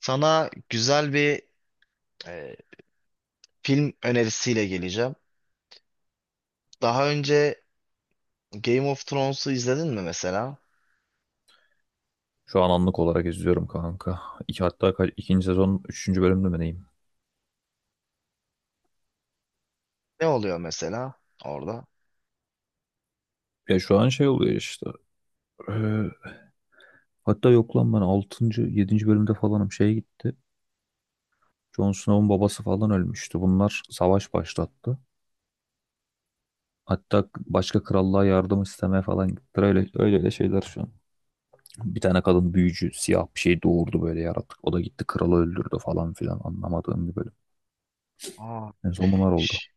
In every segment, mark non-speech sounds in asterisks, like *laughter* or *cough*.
Sana güzel bir e, film önerisiyle geleceğim. Daha önce Game of Thrones'u izledin mi mesela? Şu an anlık olarak izliyorum kanka. İki, hatta kaç, ikinci sezon üçüncü bölümde mi neyim? Ne oluyor mesela orada? Ya şu an şey oluyor işte. Ee, Hatta yok lan ben altıncı, yedinci bölümde falanım şey gitti. Jon Snow'un babası falan ölmüştü. Bunlar savaş başlattı. Hatta başka krallığa yardım istemeye falan gittiler. Öyle, öyle öyle şeyler şu an. Bir tane kadın büyücü siyah bir şey doğurdu böyle yaratık. O da gitti kralı öldürdü falan filan anlamadığım bir bölüm. Aa, En son bunlar oldu. ş-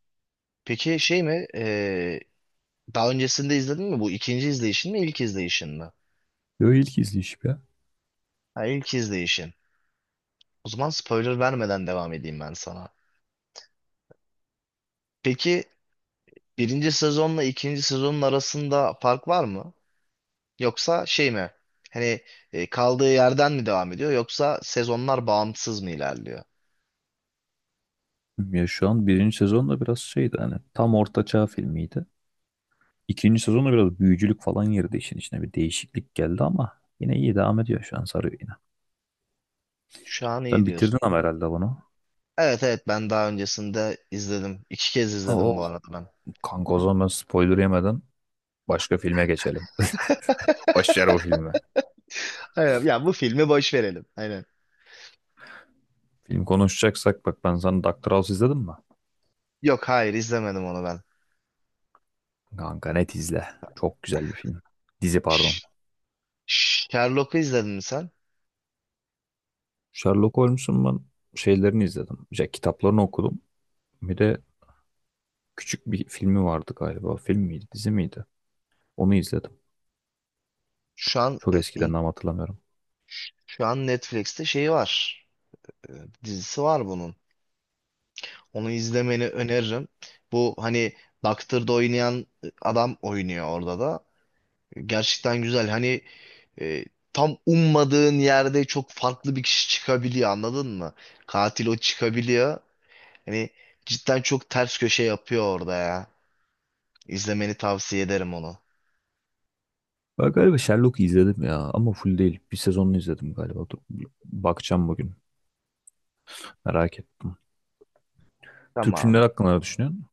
peki şey mi? Daha öncesinde izledin mi? Bu ikinci izleyişin mi, ilk izleyişin mi? Yo, ilk izleyişim ya. Ha, ilk izleyişin. O zaman spoiler vermeden devam edeyim ben sana. Peki birinci sezonla ikinci sezonun arasında fark var mı? Yoksa şey mi? Hani kaldığı yerden mi devam ediyor yoksa sezonlar bağımsız mı ilerliyor? Ya şu an birinci sezon da biraz şeydi hani tam ortaçağ filmiydi. İkinci sezonda biraz büyücülük falan girdi işin içine. Bir değişiklik geldi ama yine iyi devam ediyor şu an sarıyor yine. Şu an iyi Sen bitirdin diyorsun. ama herhalde bunu. Evet, evet, ben daha öncesinde izledim. İki kez izledim bu Oo, arada ben. kanka o zaman ben spoiler yemeden başka filme geçelim. *laughs* Başlar bu filme. Evet, ya bu filmi boş verelim. Aynen. Film konuşacaksak bak ben sana Doctor House izledin mi? Yok, hayır, izlemedim onu ben. Kanka net izle. Çok güzel bir film. Dizi pardon. Ş- Sherlock'u izledin mi sen? Sherlock Holmes'un ben şeylerini izledim. İşte kitaplarını okudum. Bir de küçük bir filmi vardı galiba. Film miydi, dizi miydi? Onu izledim. Şu an Çok e, eskiden in- ama hatırlamıyorum. şu an Netflix'te şeyi var. E, Dizisi var bunun. Onu izlemeni öneririm. Bu hani Doctor'da oynayan adam oynuyor orada da. Gerçekten güzel. Hani e, tam ummadığın yerde çok farklı bir kişi çıkabiliyor, anladın mı? Katil o çıkabiliyor. Hani cidden çok ters köşe yapıyor orada ya. İzlemeni tavsiye ederim onu. Ben galiba Sherlock'u izledim ya ama full değil. Bir sezonunu izledim galiba. Dur, bakacağım bugün. Merak ettim. Türk Tamam. filmleri hakkında ne düşünüyorsun?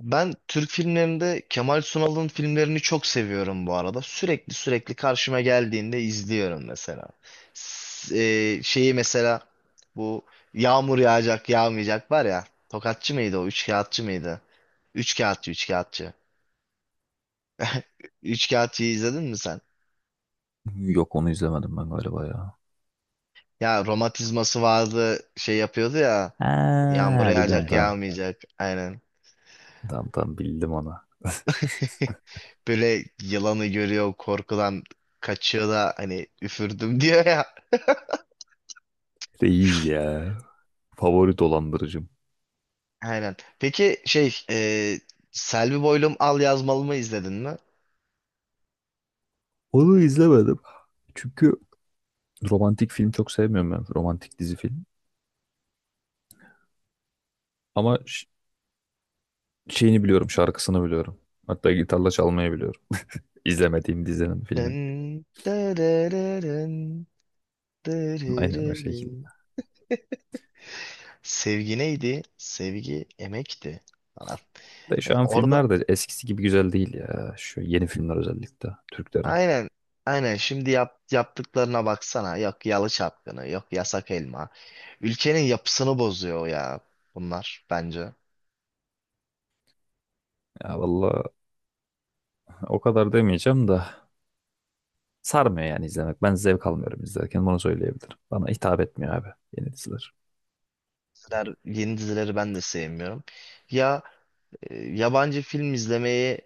Ben Türk filmlerinde Kemal Sunal'ın filmlerini çok seviyorum bu arada. Sürekli sürekli karşıma geldiğinde izliyorum mesela. S- Şeyi mesela, bu yağmur yağacak yağmayacak var ya. Tokatçı mıydı o? Üç kağıtçı mıydı? Üç kağıtçı, üç kağıtçı. *laughs* Üç kağıtçıyı izledin mi sen? Yok, onu izlemedim ben galiba ya. Ya romatizması vardı, şey yapıyordu ya. Yağmur, Ha, evet, yağacak, biliyorum, evet, tamam. yağmayacak. Aynen. Tamam tamam, bildim onu. *laughs* Böyle yılanı görüyor, korkudan kaçıyor da hani üfürdüm *laughs* diyor ya. *laughs* Reis ya. Favori dolandırıcım. Aynen. Peki şey, Selvi Boylum Al Yazmalım'ı izledin mi? Onu izlemedim. Çünkü romantik film çok sevmiyorum ben. Romantik dizi film. Ama şeyini biliyorum, şarkısını biliyorum. Hatta gitarla çalmayı biliyorum. İzlemediğim dizinin, filmin. Dın, dırırırın, Aynen o dırırırın. şekilde. Sevgi neydi? Sevgi emekti falan. De Ve şu an orada filmler de eskisi gibi güzel değil ya. Şu yeni filmler özellikle Türklerin. aynen, aynen şimdi yaptıklarına baksana. Yok yalı çapkını, yok yasak elma. Ülkenin yapısını bozuyor ya bunlar bence. Ya valla o kadar demeyeceğim da sarmıyor yani izlemek. Ben zevk almıyorum izlerken bunu söyleyebilirim. Bana hitap etmiyor abi yeni diziler. Yeni dizileri ben de sevmiyorum. Ya, yabancı film izlemeyi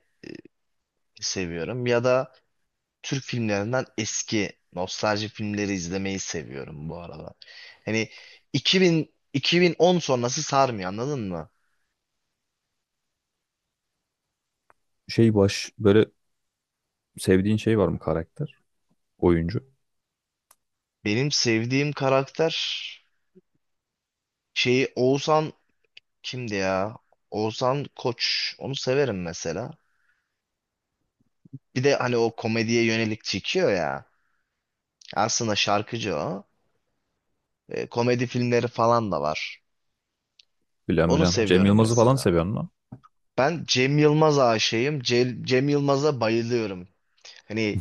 seviyorum ya da Türk filmlerinden eski nostalji filmleri izlemeyi seviyorum bu arada. Hani 2000 2010 sonrası sarmıyor, anladın mı? Şey, baş böyle sevdiğin şey var mı, karakter? Oyuncu? Benim sevdiğim karakter şeyi Oğuzhan kimdi ya? Oğuzhan Koç. Onu severim mesela. Bir de hani o komediye yönelik çekiyor ya. Aslında şarkıcı o. Komedi filmleri falan da var. Bilmem Onu bilmem. Cem seviyorum Yılmaz'ı falan mesela. seviyor musun? Ben Cem Yılmaz aşığıyım. Cem Yılmaz'a bayılıyorum. Hani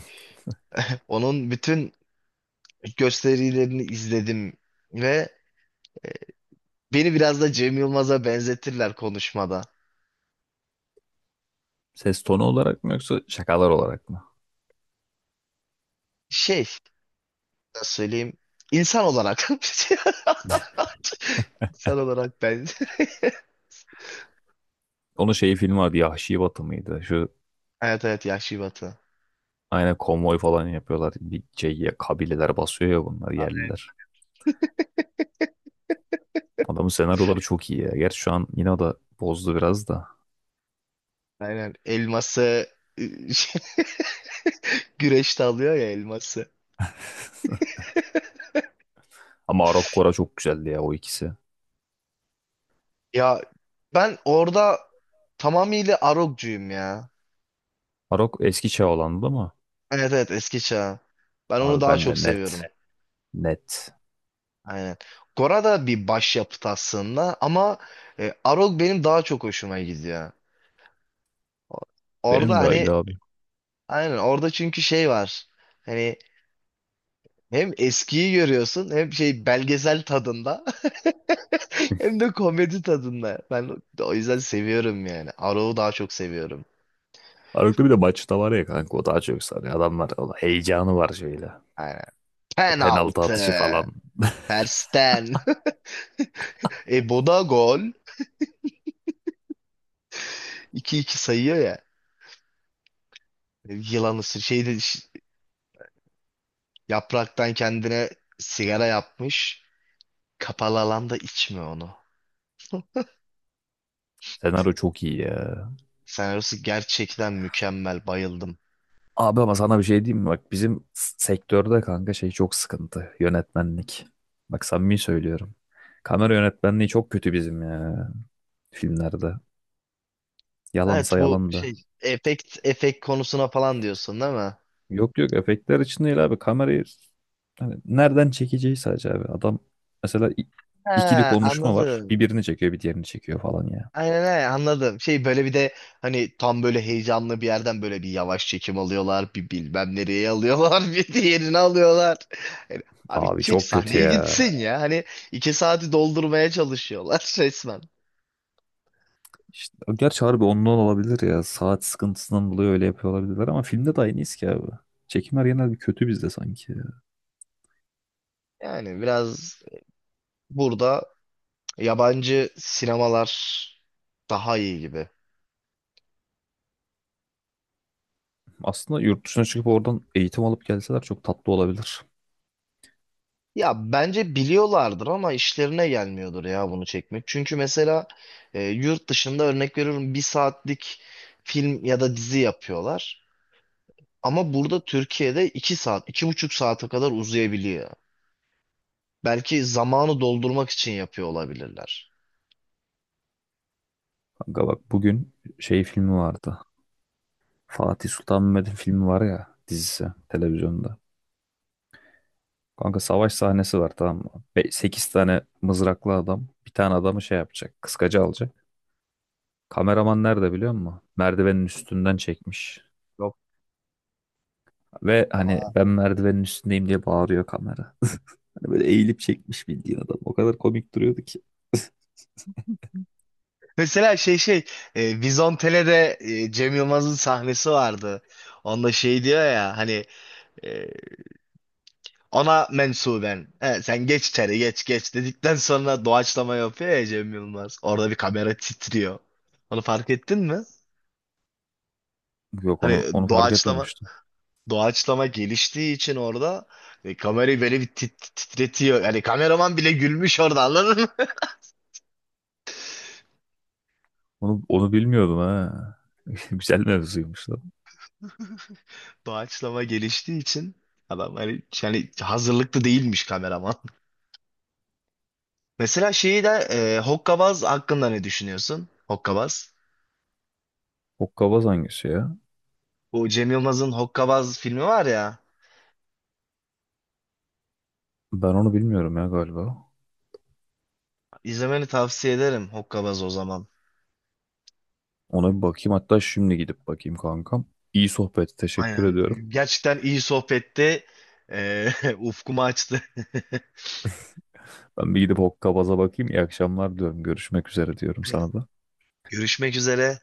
onun bütün gösterilerini izledim ve beni biraz da Cem Yılmaz'a benzetirler konuşmada. Ses tonu olarak mı yoksa şakalar olarak mı? Şey, nasıl söyleyeyim? İnsan olarak. *laughs* İnsan olarak ben. *laughs* Onun şeyi filmi vardı, Yahşi Batı mıydı? Şu Evet, evet, Yahşi Batı. aynen konvoy falan yapıyorlar. Bir şey, ya, kabileler basıyor ya bunlar, yerliler. Adamın senaryoları çok iyi ya. Gerçi şu an yine o da bozdu biraz da. Aynen. Elması ı, şey, *laughs* güreşte alıyor ya elması. Ama Arok Gora çok güzeldi ya o ikisi. Ya ben orada tamamıyla Arog'cuyum ya. Arok eski çağ olandı ama Evet, evet, eski çağ. Ben onu abi daha ben de çok net. seviyorum. Net. Aynen. Gora da bir başyapıt aslında ama Arog benim daha çok hoşuma gidiyor. O- Orada Benim de hani öyle abi. aynen, orada çünkü şey var. Hani hem eskiyi görüyorsun, hem şey belgesel tadında *laughs* hem de komedi tadında. Ben o yüzden seviyorum yani. Arog'u daha çok seviyorum. Arok'ta bir de maçta var ya kanka, o daha çok sarıyor. Adamlar, o heyecanı var şöyle. Aynen. O penaltı atışı Penaltı. falan. Tersten. *laughs* Boda gol. 2 iki sayıyor ya. Yılan ısır. Şeyde yapraktan kendine sigara yapmış. Kapalı alanda içme onu. Senaryo çok iyi ya. Senaryosu gerçekten mükemmel. Bayıldım. Abi ama sana bir şey diyeyim mi? Bak bizim sektörde kanka şey çok sıkıntı. Yönetmenlik. Bak samimi söylüyorum. Kamera yönetmenliği çok kötü bizim ya, filmlerde. Evet, Yalansa bu yalan da. şey, efekt konusuna falan diyorsun değil mi? Yok yok, efektler için değil abi, kamerayı hani nereden çekeceği sadece abi. Adam mesela ikili Ha, konuşma var, bir anladım. birini çekiyor bir diğerini çekiyor falan ya. Aynen, aynen, anladım. Şey, böyle bir de hani tam böyle heyecanlı bir yerden böyle bir yavaş çekim alıyorlar. Bir bilmem nereye alıyorlar. *laughs* Bir diğerini alıyorlar. Yani abi Abi çek çok kötü sahneye ya. gitsin ya. Hani iki saati doldurmaya çalışıyorlar *laughs* resmen. İşte, gerçi harbi ondan olabilir ya, saat sıkıntısından dolayı öyle yapıyor olabilirler, ama filmde de aynıyız ki abi. Çekimler genelde bir kötü bizde sanki ya. Yani biraz burada yabancı sinemalar daha iyi gibi. Aslında yurt dışına çıkıp oradan eğitim alıp gelseler çok tatlı olabilir. Ya bence biliyorlardır ama işlerine gelmiyordur ya bunu çekmek. Çünkü mesela yurt dışında örnek veriyorum, bir saatlik film ya da dizi yapıyorlar. Ama burada Türkiye'de iki saat, iki buçuk saate kadar uzayabiliyor. Belki zamanı doldurmak için yapıyor olabilirler. Kanka bak bugün şey filmi vardı. Fatih Sultan Mehmet'in filmi var ya, dizisi televizyonda. Kanka, savaş sahnesi var tamam mı? Sekiz tane mızraklı adam bir tane adamı şey yapacak. Kıskacı alacak. Kameraman nerede biliyor musun? Merdivenin üstünden çekmiş. Yok. Ve hani Aa. ben merdivenin üstündeyim diye bağırıyor kamera. *laughs* Hani böyle eğilip çekmiş bildiğin adam. O kadar komik duruyordu ki. *laughs* Mesela Vizontele'de, Cem Yılmaz'ın sahnesi vardı. Onda şey diyor ya hani, ona mensuben. He, sen geç içeri, geç geç, dedikten sonra doğaçlama yapıyor ya Cem Yılmaz. Orada bir kamera titriyor. Onu fark ettin mi? Yok, Hani onu fark doğaçlama etmemiştim. doğaçlama geliştiği için orada kamerayı böyle bir titretiyor. Yani kameraman bile gülmüş orada, anladın mı? Onu bilmiyordum ha. *laughs* Güzel mevzuymuş lan. *laughs* Doğaçlama geliştiği için adam hani, yani hazırlıklı değilmiş kameraman. *laughs* Mesela şeyi de, Hokkabaz hakkında ne düşünüyorsun? Hokkabaz. Hokkabaz hangisi ya? Bu Cem Yılmaz'ın Hokkabaz filmi var ya. Ben onu bilmiyorum ya galiba. İzlemeni tavsiye ederim Hokkabaz o zaman. Ona bir bakayım, hatta şimdi gidip bakayım kankam. İyi sohbet, teşekkür Aynen. ediyorum. Gerçekten iyi sohbette. *laughs* Ufkumu açtı. Ben bir gidip Hokkabaz'a bakayım. İyi akşamlar diyorum. Görüşmek üzere diyorum sana da. *laughs* Görüşmek üzere.